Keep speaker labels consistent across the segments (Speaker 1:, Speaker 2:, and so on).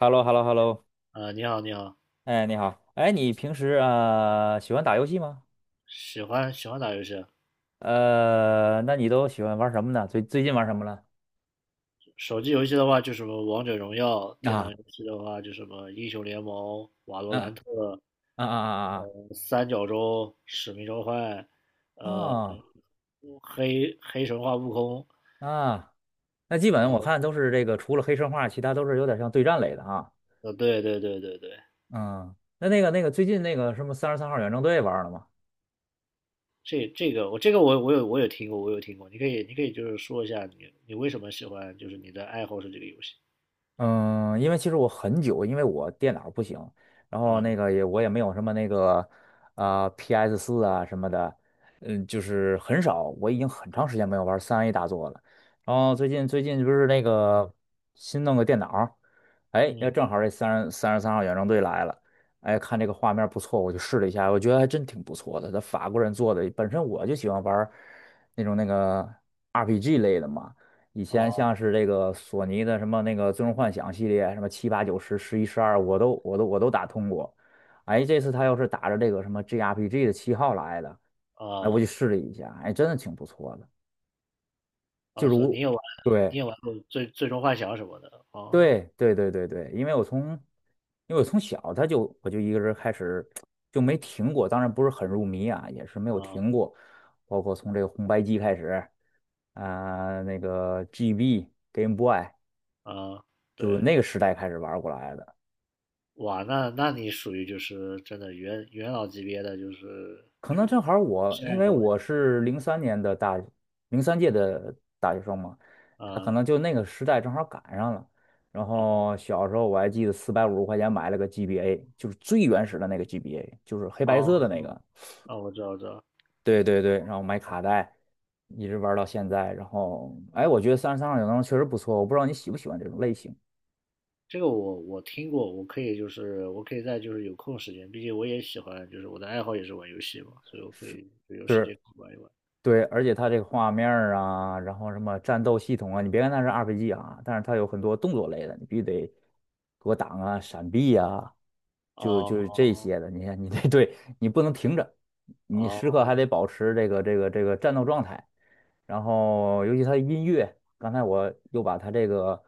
Speaker 1: h e l l o h e l l o h e l l o
Speaker 2: 你好，你好。
Speaker 1: 哎，你好，哎，你平时啊喜欢打游戏吗？
Speaker 2: 喜欢打游戏啊。
Speaker 1: 那你都喜欢玩什么呢？最近玩什么了？
Speaker 2: 手机游戏的话，就什么王者荣耀；电脑
Speaker 1: 啊
Speaker 2: 游戏的话，就什么英雄联盟、瓦罗兰
Speaker 1: 啊
Speaker 2: 特、
Speaker 1: 啊啊啊！
Speaker 2: 三角洲、使命召唤，呃，
Speaker 1: 啊！
Speaker 2: 黑神话悟空，
Speaker 1: 啊啊，那基
Speaker 2: 然
Speaker 1: 本我
Speaker 2: 后
Speaker 1: 看都是这个，除了黑神话，其他都是有点像对战类的啊。
Speaker 2: 对对对对对。
Speaker 1: 嗯，那个最近那个什么三十三号远征队玩了吗？
Speaker 2: 这这个我这个我我有我有听过，我有听过。你可以就是说一下你为什么喜欢，就是你的爱好是这个游戏。
Speaker 1: 嗯，因为其实我很久，因为我电脑不行，然后那
Speaker 2: 嗯。
Speaker 1: 个也我也没有什么那个啊、PS 四啊什么的，嗯，就是很少，我已经很长时间没有玩三 A 大作了。然后最近不是那个新弄个电脑，哎，要
Speaker 2: 嗯。
Speaker 1: 正好这三十三号远征队来了，哎，看这个画面不错，我就试了一下，我觉得还真挺不错的。他法国人做的，本身我就喜欢玩那种那个 RPG 类的嘛。以前
Speaker 2: 哦。
Speaker 1: 像是这个索尼的什么那个《最终幻想》系列，什么七八九十十一十二，我都打通过。哎，这次他要是打着这个什么 G r p g 的旗号来的，哎，我
Speaker 2: 哦。
Speaker 1: 就试了一下，哎，真的挺不错的。就
Speaker 2: 啊，说你
Speaker 1: 如
Speaker 2: 也玩，你
Speaker 1: 对
Speaker 2: 也玩过最终幻想什么的，啊。
Speaker 1: 对对对对对，因为我从小我就一个人开始就没停过，当然不是很入迷啊，也是没有
Speaker 2: 啊
Speaker 1: 停过，包括从这个红白机开始。啊、那个 GB Game Boy，
Speaker 2: 啊。
Speaker 1: 就
Speaker 2: 对。
Speaker 1: 那个时代开始玩过来的。
Speaker 2: 哇，那那你属于就是真的元老级别的，就是
Speaker 1: 可能正好儿我，
Speaker 2: 深
Speaker 1: 因
Speaker 2: 爱
Speaker 1: 为
Speaker 2: 和玩。
Speaker 1: 我是零三年的零三届的大学生嘛，他可
Speaker 2: 啊。
Speaker 1: 能就那个时代正好赶上了。然
Speaker 2: 啊。
Speaker 1: 后小时候我还记得四百五十块钱买了个 GBA，就是最原始的那个 GBA，就是黑白
Speaker 2: 哦。
Speaker 1: 色的那个。
Speaker 2: 啊，我知道，我知道。
Speaker 1: 对对对，然后买卡带，一直玩到现在。然后，哎，我觉得三十三号小灯确实不错，我不知道你喜不喜欢这种类型。
Speaker 2: 这个我我听过，我可以就是我可以在就是有空时间，毕竟我也喜欢，就是我的爱好也是玩游戏嘛，所以我可以就有时间
Speaker 1: 是。
Speaker 2: 可以玩一玩。
Speaker 1: 对，而且它这个画面儿啊，然后什么战斗系统啊，你别看它是 RPG 啊，但是它有很多动作类的，你必须得躲挡啊、闪避啊，就是
Speaker 2: 哦
Speaker 1: 这些的。你看，你这 对你不能停着，你时刻还
Speaker 2: 哦
Speaker 1: 得保持这个战斗状态。然后尤其他的音乐，刚才我又把他这个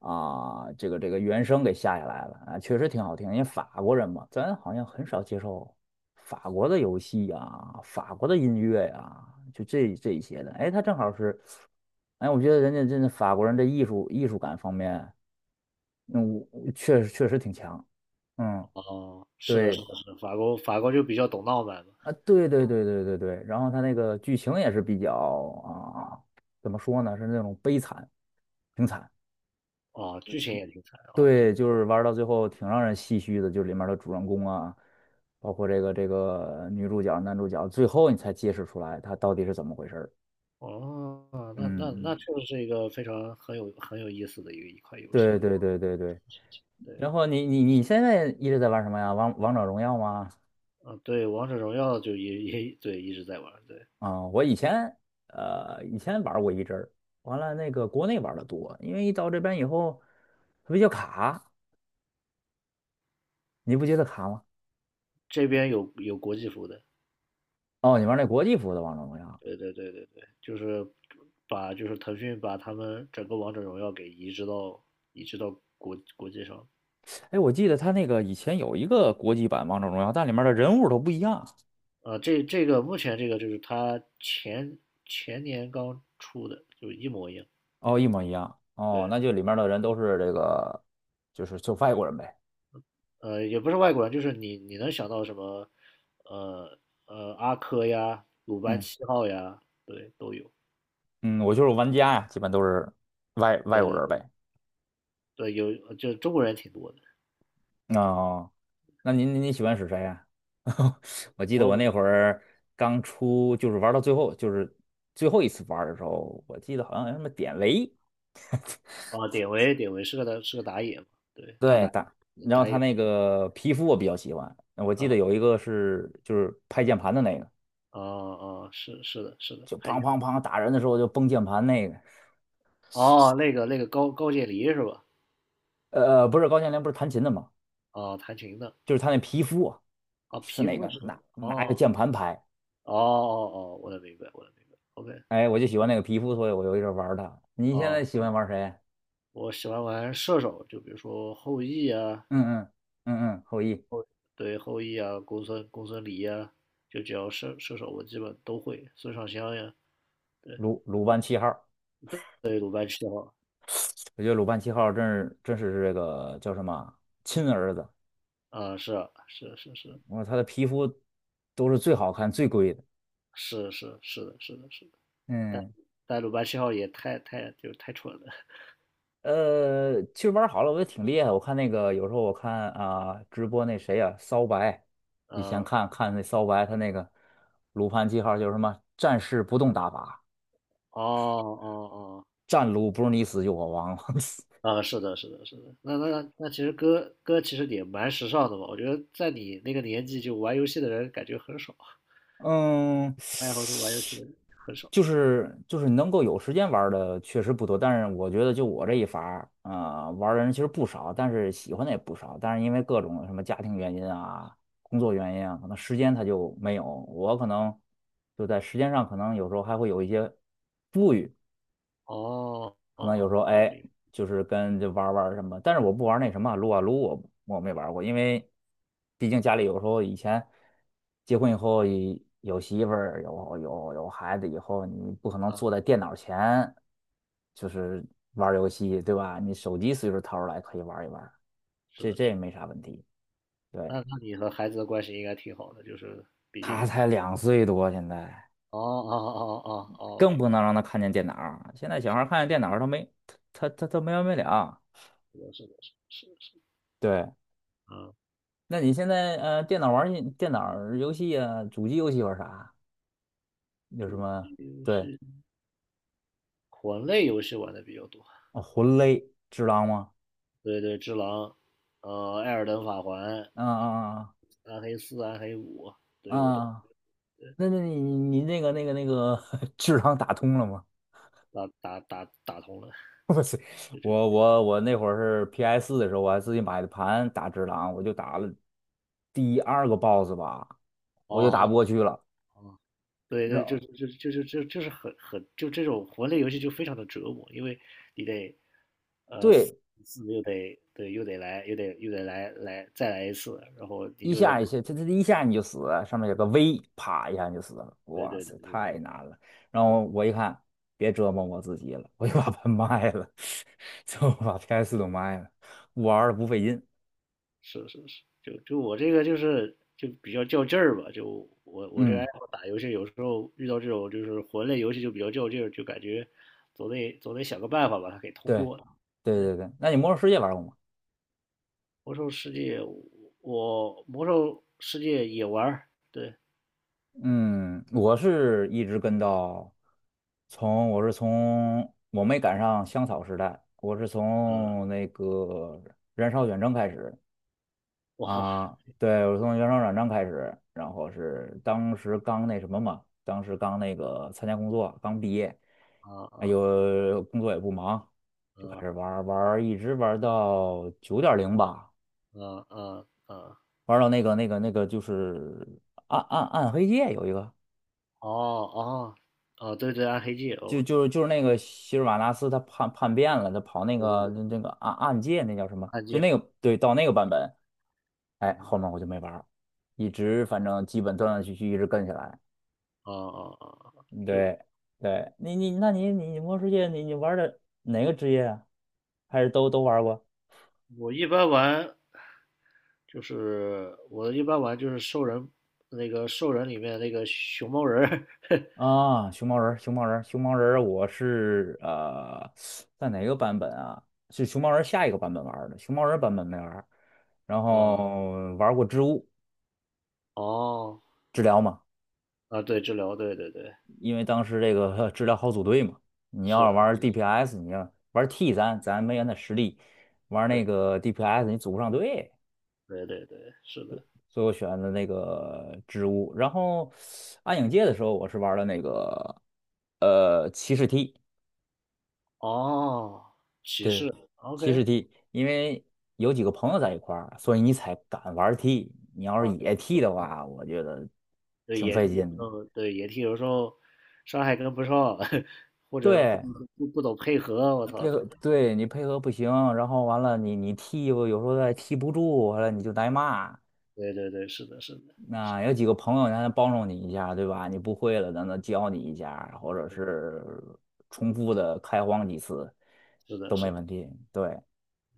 Speaker 1: 啊、这个原声给下来了啊，确实挺好听。因为法国人嘛，咱好像很少接受法国的游戏呀、法国的音乐呀、就这一些的。哎，他正好是，哎，我觉得人家真的法国人这艺术感方面，那我确实挺强。嗯，
Speaker 2: 哦，是的，是
Speaker 1: 对
Speaker 2: 的，是的，法国法国就比较懂浪漫嘛。
Speaker 1: 啊，对对对对对对。然后他那个剧情也是比较啊，怎么说呢，是那种悲惨。挺惨。
Speaker 2: 啊，
Speaker 1: 嗯
Speaker 2: 剧情也挺惨，啊，对。
Speaker 1: 对，就是玩儿到最后挺让人唏嘘的，就是里面的主人公啊，包括这个女主角、男主角，最后你才揭示出来他到底是怎么回事儿。
Speaker 2: 哦，
Speaker 1: 嗯，
Speaker 2: 那那那确
Speaker 1: 嗯
Speaker 2: 实是一个非常很有很有意思的一个一款游戏，
Speaker 1: 对
Speaker 2: 我觉
Speaker 1: 对
Speaker 2: 得。
Speaker 1: 对对对。
Speaker 2: 对。
Speaker 1: 然后你现在一直在玩什么呀？王者荣耀吗？
Speaker 2: 嗯，对，王者荣耀就也也对一直在玩，对。
Speaker 1: 啊、我以前玩过一阵儿，完了那个国内玩的多，因为一到这边以后它比较卡，你不觉得卡吗？
Speaker 2: 这边有有国际服的。
Speaker 1: 哦，你玩那国际服的王者荣耀。
Speaker 2: 对对对对对，就是把就是腾讯把他们整个王者荣耀给移植到国国际上。
Speaker 1: 哎，我记得他那个以前有一个国际版《王者荣耀》，但里面的人物都不一样，
Speaker 2: 啊、这这个目前这个就是它前年刚出的，就一模一样。
Speaker 1: 哦，一模一样，哦，
Speaker 2: 对。
Speaker 1: 那就里面的人都是这个，就是就外国人呗，
Speaker 2: 呃，也不是外国人，就是你你能想到什么，呃呃，阿珂呀，鲁班
Speaker 1: 嗯
Speaker 2: 七号呀。对，都有。
Speaker 1: 嗯，我就是玩家呀，基本都是外外
Speaker 2: 对
Speaker 1: 国
Speaker 2: 对
Speaker 1: 人
Speaker 2: 对
Speaker 1: 呗。
Speaker 2: 对，有，就中国人挺多的。
Speaker 1: 哦，那您喜欢使谁呀、我记得我
Speaker 2: 我，
Speaker 1: 那会儿刚出，就是玩到最后，就是最后一次玩的时候，我记得好像有什么典韦，
Speaker 2: 啊，典韦是个打，是个打野嘛，对，他
Speaker 1: 对
Speaker 2: 打
Speaker 1: 打，然后
Speaker 2: 打
Speaker 1: 他
Speaker 2: 野。
Speaker 1: 那个皮肤我比较喜欢，我记得有
Speaker 2: 啊。
Speaker 1: 一个是就是拍键盘的那个。
Speaker 2: 啊。啊，是是的是的，
Speaker 1: 就
Speaker 2: 还，
Speaker 1: 砰砰砰打人的时候就崩键盘那个，
Speaker 2: 哦，那个那个高渐离是吧？
Speaker 1: 不是高羡林不是弹琴的吗？
Speaker 2: 啊，弹琴的。
Speaker 1: 就是他那皮肤啊，
Speaker 2: 啊，
Speaker 1: 是
Speaker 2: 皮
Speaker 1: 那
Speaker 2: 肤
Speaker 1: 个
Speaker 2: 是。
Speaker 1: 拿一个
Speaker 2: 哦
Speaker 1: 键盘拍，
Speaker 2: 哦哦哦，我能明白我能明白，OK。
Speaker 1: 哎，我就喜欢那个皮肤，所以我就一直玩他。你现在
Speaker 2: 哦，
Speaker 1: 喜欢玩谁啊？
Speaker 2: 我喜欢玩射手，就比如说后羿啊。
Speaker 1: 嗯嗯嗯嗯，后羿
Speaker 2: 对，后羿啊、公孙离啊，就只要射射手我基本都会，孙尚香呀，
Speaker 1: 鲁班七号，
Speaker 2: 对对，鲁班七号。
Speaker 1: 我觉得鲁班七号真是这个叫什么啊亲儿子，
Speaker 2: 啊，是啊，是是是，
Speaker 1: 我说他的皮肤都是最好看最贵的，
Speaker 2: 是是是的是的是的，
Speaker 1: 嗯。
Speaker 2: 但鲁班七号也太就是太蠢了。
Speaker 1: 其实玩好了，我觉得挺厉害。我看那个有时候我看啊、直播那谁呀、骚白，以前看看那骚白他那个鲁班记号就是什么战士不动打法，
Speaker 2: 哦哦哦。
Speaker 1: 战鲁不是你死就我亡。
Speaker 2: 啊，是的，是的，是的。那那那，那其实哥哥其实也蛮时尚的嘛。我觉得在你那个年纪，就玩游戏的人感觉很少，
Speaker 1: 嗯，
Speaker 2: 爱好就玩游戏的人很少。
Speaker 1: 就是能够有时间玩儿的确实不多，但是我觉得就我这一法儿，啊、玩儿的人其实不少，但是喜欢的也不少，但是因为各种什么家庭原因啊、工作原因啊，可能时间他就没有，我可能就在时间上可能有时候还会有一些富裕，
Speaker 2: 哦
Speaker 1: 可能有
Speaker 2: 哦
Speaker 1: 时候
Speaker 2: 哦，
Speaker 1: 哎，
Speaker 2: 明
Speaker 1: 就是跟就玩儿玩儿什么，但是我不玩儿那什么撸啊撸，我没玩儿过，因为毕竟家里有时候以前结婚以后以有媳妇儿，有孩子以后，你不可能
Speaker 2: 白。啊，
Speaker 1: 坐在电脑前就是玩儿游戏，对吧？你手机随时掏出来可以玩儿一玩儿
Speaker 2: 是
Speaker 1: 这
Speaker 2: 的，
Speaker 1: 这也
Speaker 2: 是
Speaker 1: 没
Speaker 2: 的。
Speaker 1: 啥问题。对，
Speaker 2: 那那你和孩子的关系应该挺好的，就是。
Speaker 1: 他才两岁多，现在
Speaker 2: 哦哦哦哦哦，
Speaker 1: 更
Speaker 2: 明
Speaker 1: 不
Speaker 2: 白。
Speaker 1: 能让他看见电脑儿，现在小孩儿看见电脑儿他没完没了。
Speaker 2: 是的，是的，是的，是
Speaker 1: 对。
Speaker 2: 的，啊。
Speaker 1: 那你现在电脑玩儿电脑儿游戏啊，主机游戏玩儿啥？有什
Speaker 2: 主
Speaker 1: 么？
Speaker 2: 机游
Speaker 1: 对，
Speaker 2: 戏，魂类游戏玩的比较多。
Speaker 1: 哦，魂类智狼吗？
Speaker 2: 对对，只狼，艾尔登法环，
Speaker 1: 啊啊
Speaker 2: 暗黑四、暗黑五，对，
Speaker 1: 啊！
Speaker 2: 我都
Speaker 1: 啊那你那个 智狼打通了吗？
Speaker 2: 打通了，
Speaker 1: 我是
Speaker 2: 就这。
Speaker 1: 我我我那会儿是 PS 四的时候，我还自己买的盘打智狼，我就打了第二个 BOSS 吧，
Speaker 2: 哦。
Speaker 1: 我就打不过
Speaker 2: 哦
Speaker 1: 去了。
Speaker 2: 哦。对
Speaker 1: 然
Speaker 2: 对，就
Speaker 1: 后
Speaker 2: 就就就就就是很很就这种魂类游戏就非常的折磨，因为你得，死，
Speaker 1: 对，
Speaker 2: 死又得对又得来又得又得来再来一次，然后你
Speaker 1: 一
Speaker 2: 就得
Speaker 1: 下
Speaker 2: 对。
Speaker 1: 一下，它一下你就死，上面有个 V，啪一下你就死了。
Speaker 2: 对
Speaker 1: 哇
Speaker 2: 对
Speaker 1: 塞，
Speaker 2: 对，
Speaker 1: 太难了。然后我一看，别折磨我自己了，我就把它卖了，就把 PS 都卖了，玩儿不费劲。
Speaker 2: 是是是，就就我这个就是就比较较劲儿吧，就我我这个爱
Speaker 1: 嗯，
Speaker 2: 好打游戏，有时候遇到这种就是魂类游戏就比较较劲儿，就感觉总得想个办法把它给通
Speaker 1: 对，
Speaker 2: 过。
Speaker 1: 对对对。那你《魔兽世界》玩过吗？
Speaker 2: 魔兽世界。我魔兽世界也玩儿，对。
Speaker 1: 嗯，我是一直跟到从我没赶上香草时代，我是
Speaker 2: 嗯。
Speaker 1: 从那个燃烧远征开始，
Speaker 2: 哇。
Speaker 1: 啊，对，我从原生软装开始，然后是当时刚那什么嘛，当时刚那个参加工作，刚毕业，
Speaker 2: 啊
Speaker 1: 哎
Speaker 2: 啊
Speaker 1: 呦，工作也不忙，就开
Speaker 2: 啊
Speaker 1: 始玩儿玩儿一直玩儿到九点零吧，
Speaker 2: 啊啊啊。
Speaker 1: 玩儿到那个就是暗黑界有一个，
Speaker 2: 哦哦哦，对对，暗黑界，哦，
Speaker 1: 就
Speaker 2: 我知道。
Speaker 1: 就是就是那个希尔瓦纳斯他叛变了，他跑那
Speaker 2: 对对
Speaker 1: 个
Speaker 2: 对，
Speaker 1: 那个暗界那叫什么？
Speaker 2: 暗
Speaker 1: 就
Speaker 2: 界。
Speaker 1: 那个对，到那个版本，哎，
Speaker 2: 嗯。
Speaker 1: 后面我就没玩儿一直反正基本断断续续一直跟下来。
Speaker 2: 啊啊啊，啊就
Speaker 1: 对对，那你魔兽世界你玩的哪个职业啊？还是都玩过
Speaker 2: 我一般玩我一般玩就是兽人，那个兽人里面那个熊猫人儿。
Speaker 1: 啊？熊猫人儿我是在哪个版本啊？是熊猫人儿下一个版本玩儿的，熊猫人儿版本没玩儿然
Speaker 2: 啊。
Speaker 1: 后玩过织物
Speaker 2: 哦。
Speaker 1: 治疗嘛，
Speaker 2: 啊，对，治疗，对对对，
Speaker 1: 因为当时这个 治疗好组队嘛，你要
Speaker 2: 是的。
Speaker 1: 是玩 DPS，你要玩 T 咱没原的实力，玩那
Speaker 2: 对
Speaker 1: 个 DPS 你组不上队。
Speaker 2: 对对对，是的。
Speaker 1: 所以我选了那个植物。然后暗影界的时候，我是玩了那个骑士踢，
Speaker 2: 哦，骑
Speaker 1: 对，
Speaker 2: 士
Speaker 1: 骑士
Speaker 2: ，OK。
Speaker 1: 踢，因为有几个朋友在一块儿，所以你才敢玩踢。你要是
Speaker 2: 啊，对
Speaker 1: 野踢的话，我觉得
Speaker 2: 对，
Speaker 1: 挺
Speaker 2: 野
Speaker 1: 费
Speaker 2: 地有时
Speaker 1: 劲的。
Speaker 2: 候，对，野地有时候伤害跟不上。
Speaker 1: 对，
Speaker 2: 不不懂配合，我
Speaker 1: 那
Speaker 2: 操，
Speaker 1: 配
Speaker 2: 对。
Speaker 1: 合，对你配合不行，然后完了你踢吧有时候再踢不住，完了你就挨骂。
Speaker 2: 对对对，是的，是的，
Speaker 1: 那有几个朋友，他能帮助你一下，对吧？你不会了，让他教你一下，或者是重复的开荒几次
Speaker 2: 是
Speaker 1: 都
Speaker 2: 的，
Speaker 1: 没
Speaker 2: 是的，
Speaker 1: 问题。对，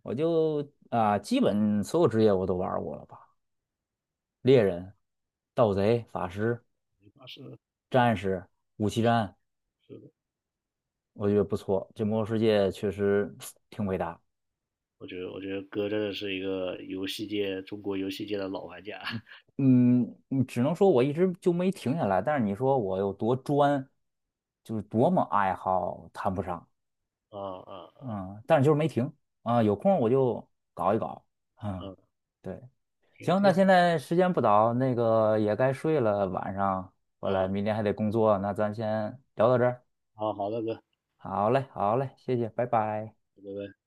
Speaker 1: 我就啊、基本所有职业我都玩过了吧？猎人、盗贼、法师、
Speaker 2: 这把是的，
Speaker 1: 战士、武器战，
Speaker 2: 是的。
Speaker 1: 我觉得不错。这魔兽世界确实 挺伟大。
Speaker 2: 我觉得我觉得哥真的是一个游戏界，中国游戏界的老玩家。
Speaker 1: 嗯，你只能说我一直就没停下来，但是你说我有多专，就是多么爱好，谈不上。
Speaker 2: 啊啊啊。
Speaker 1: 嗯，但是就是没停啊，有空我就搞一搞啊。
Speaker 2: 啊！
Speaker 1: 对，
Speaker 2: 挺
Speaker 1: 行，
Speaker 2: 挺
Speaker 1: 那
Speaker 2: 好。
Speaker 1: 现在时间不早，那个也该睡了，晚上回来
Speaker 2: 啊，
Speaker 1: 明天还得工作，那咱先聊到这儿。
Speaker 2: 好好的哥，拜
Speaker 1: 好嘞，好嘞，谢谢，拜拜。
Speaker 2: 拜。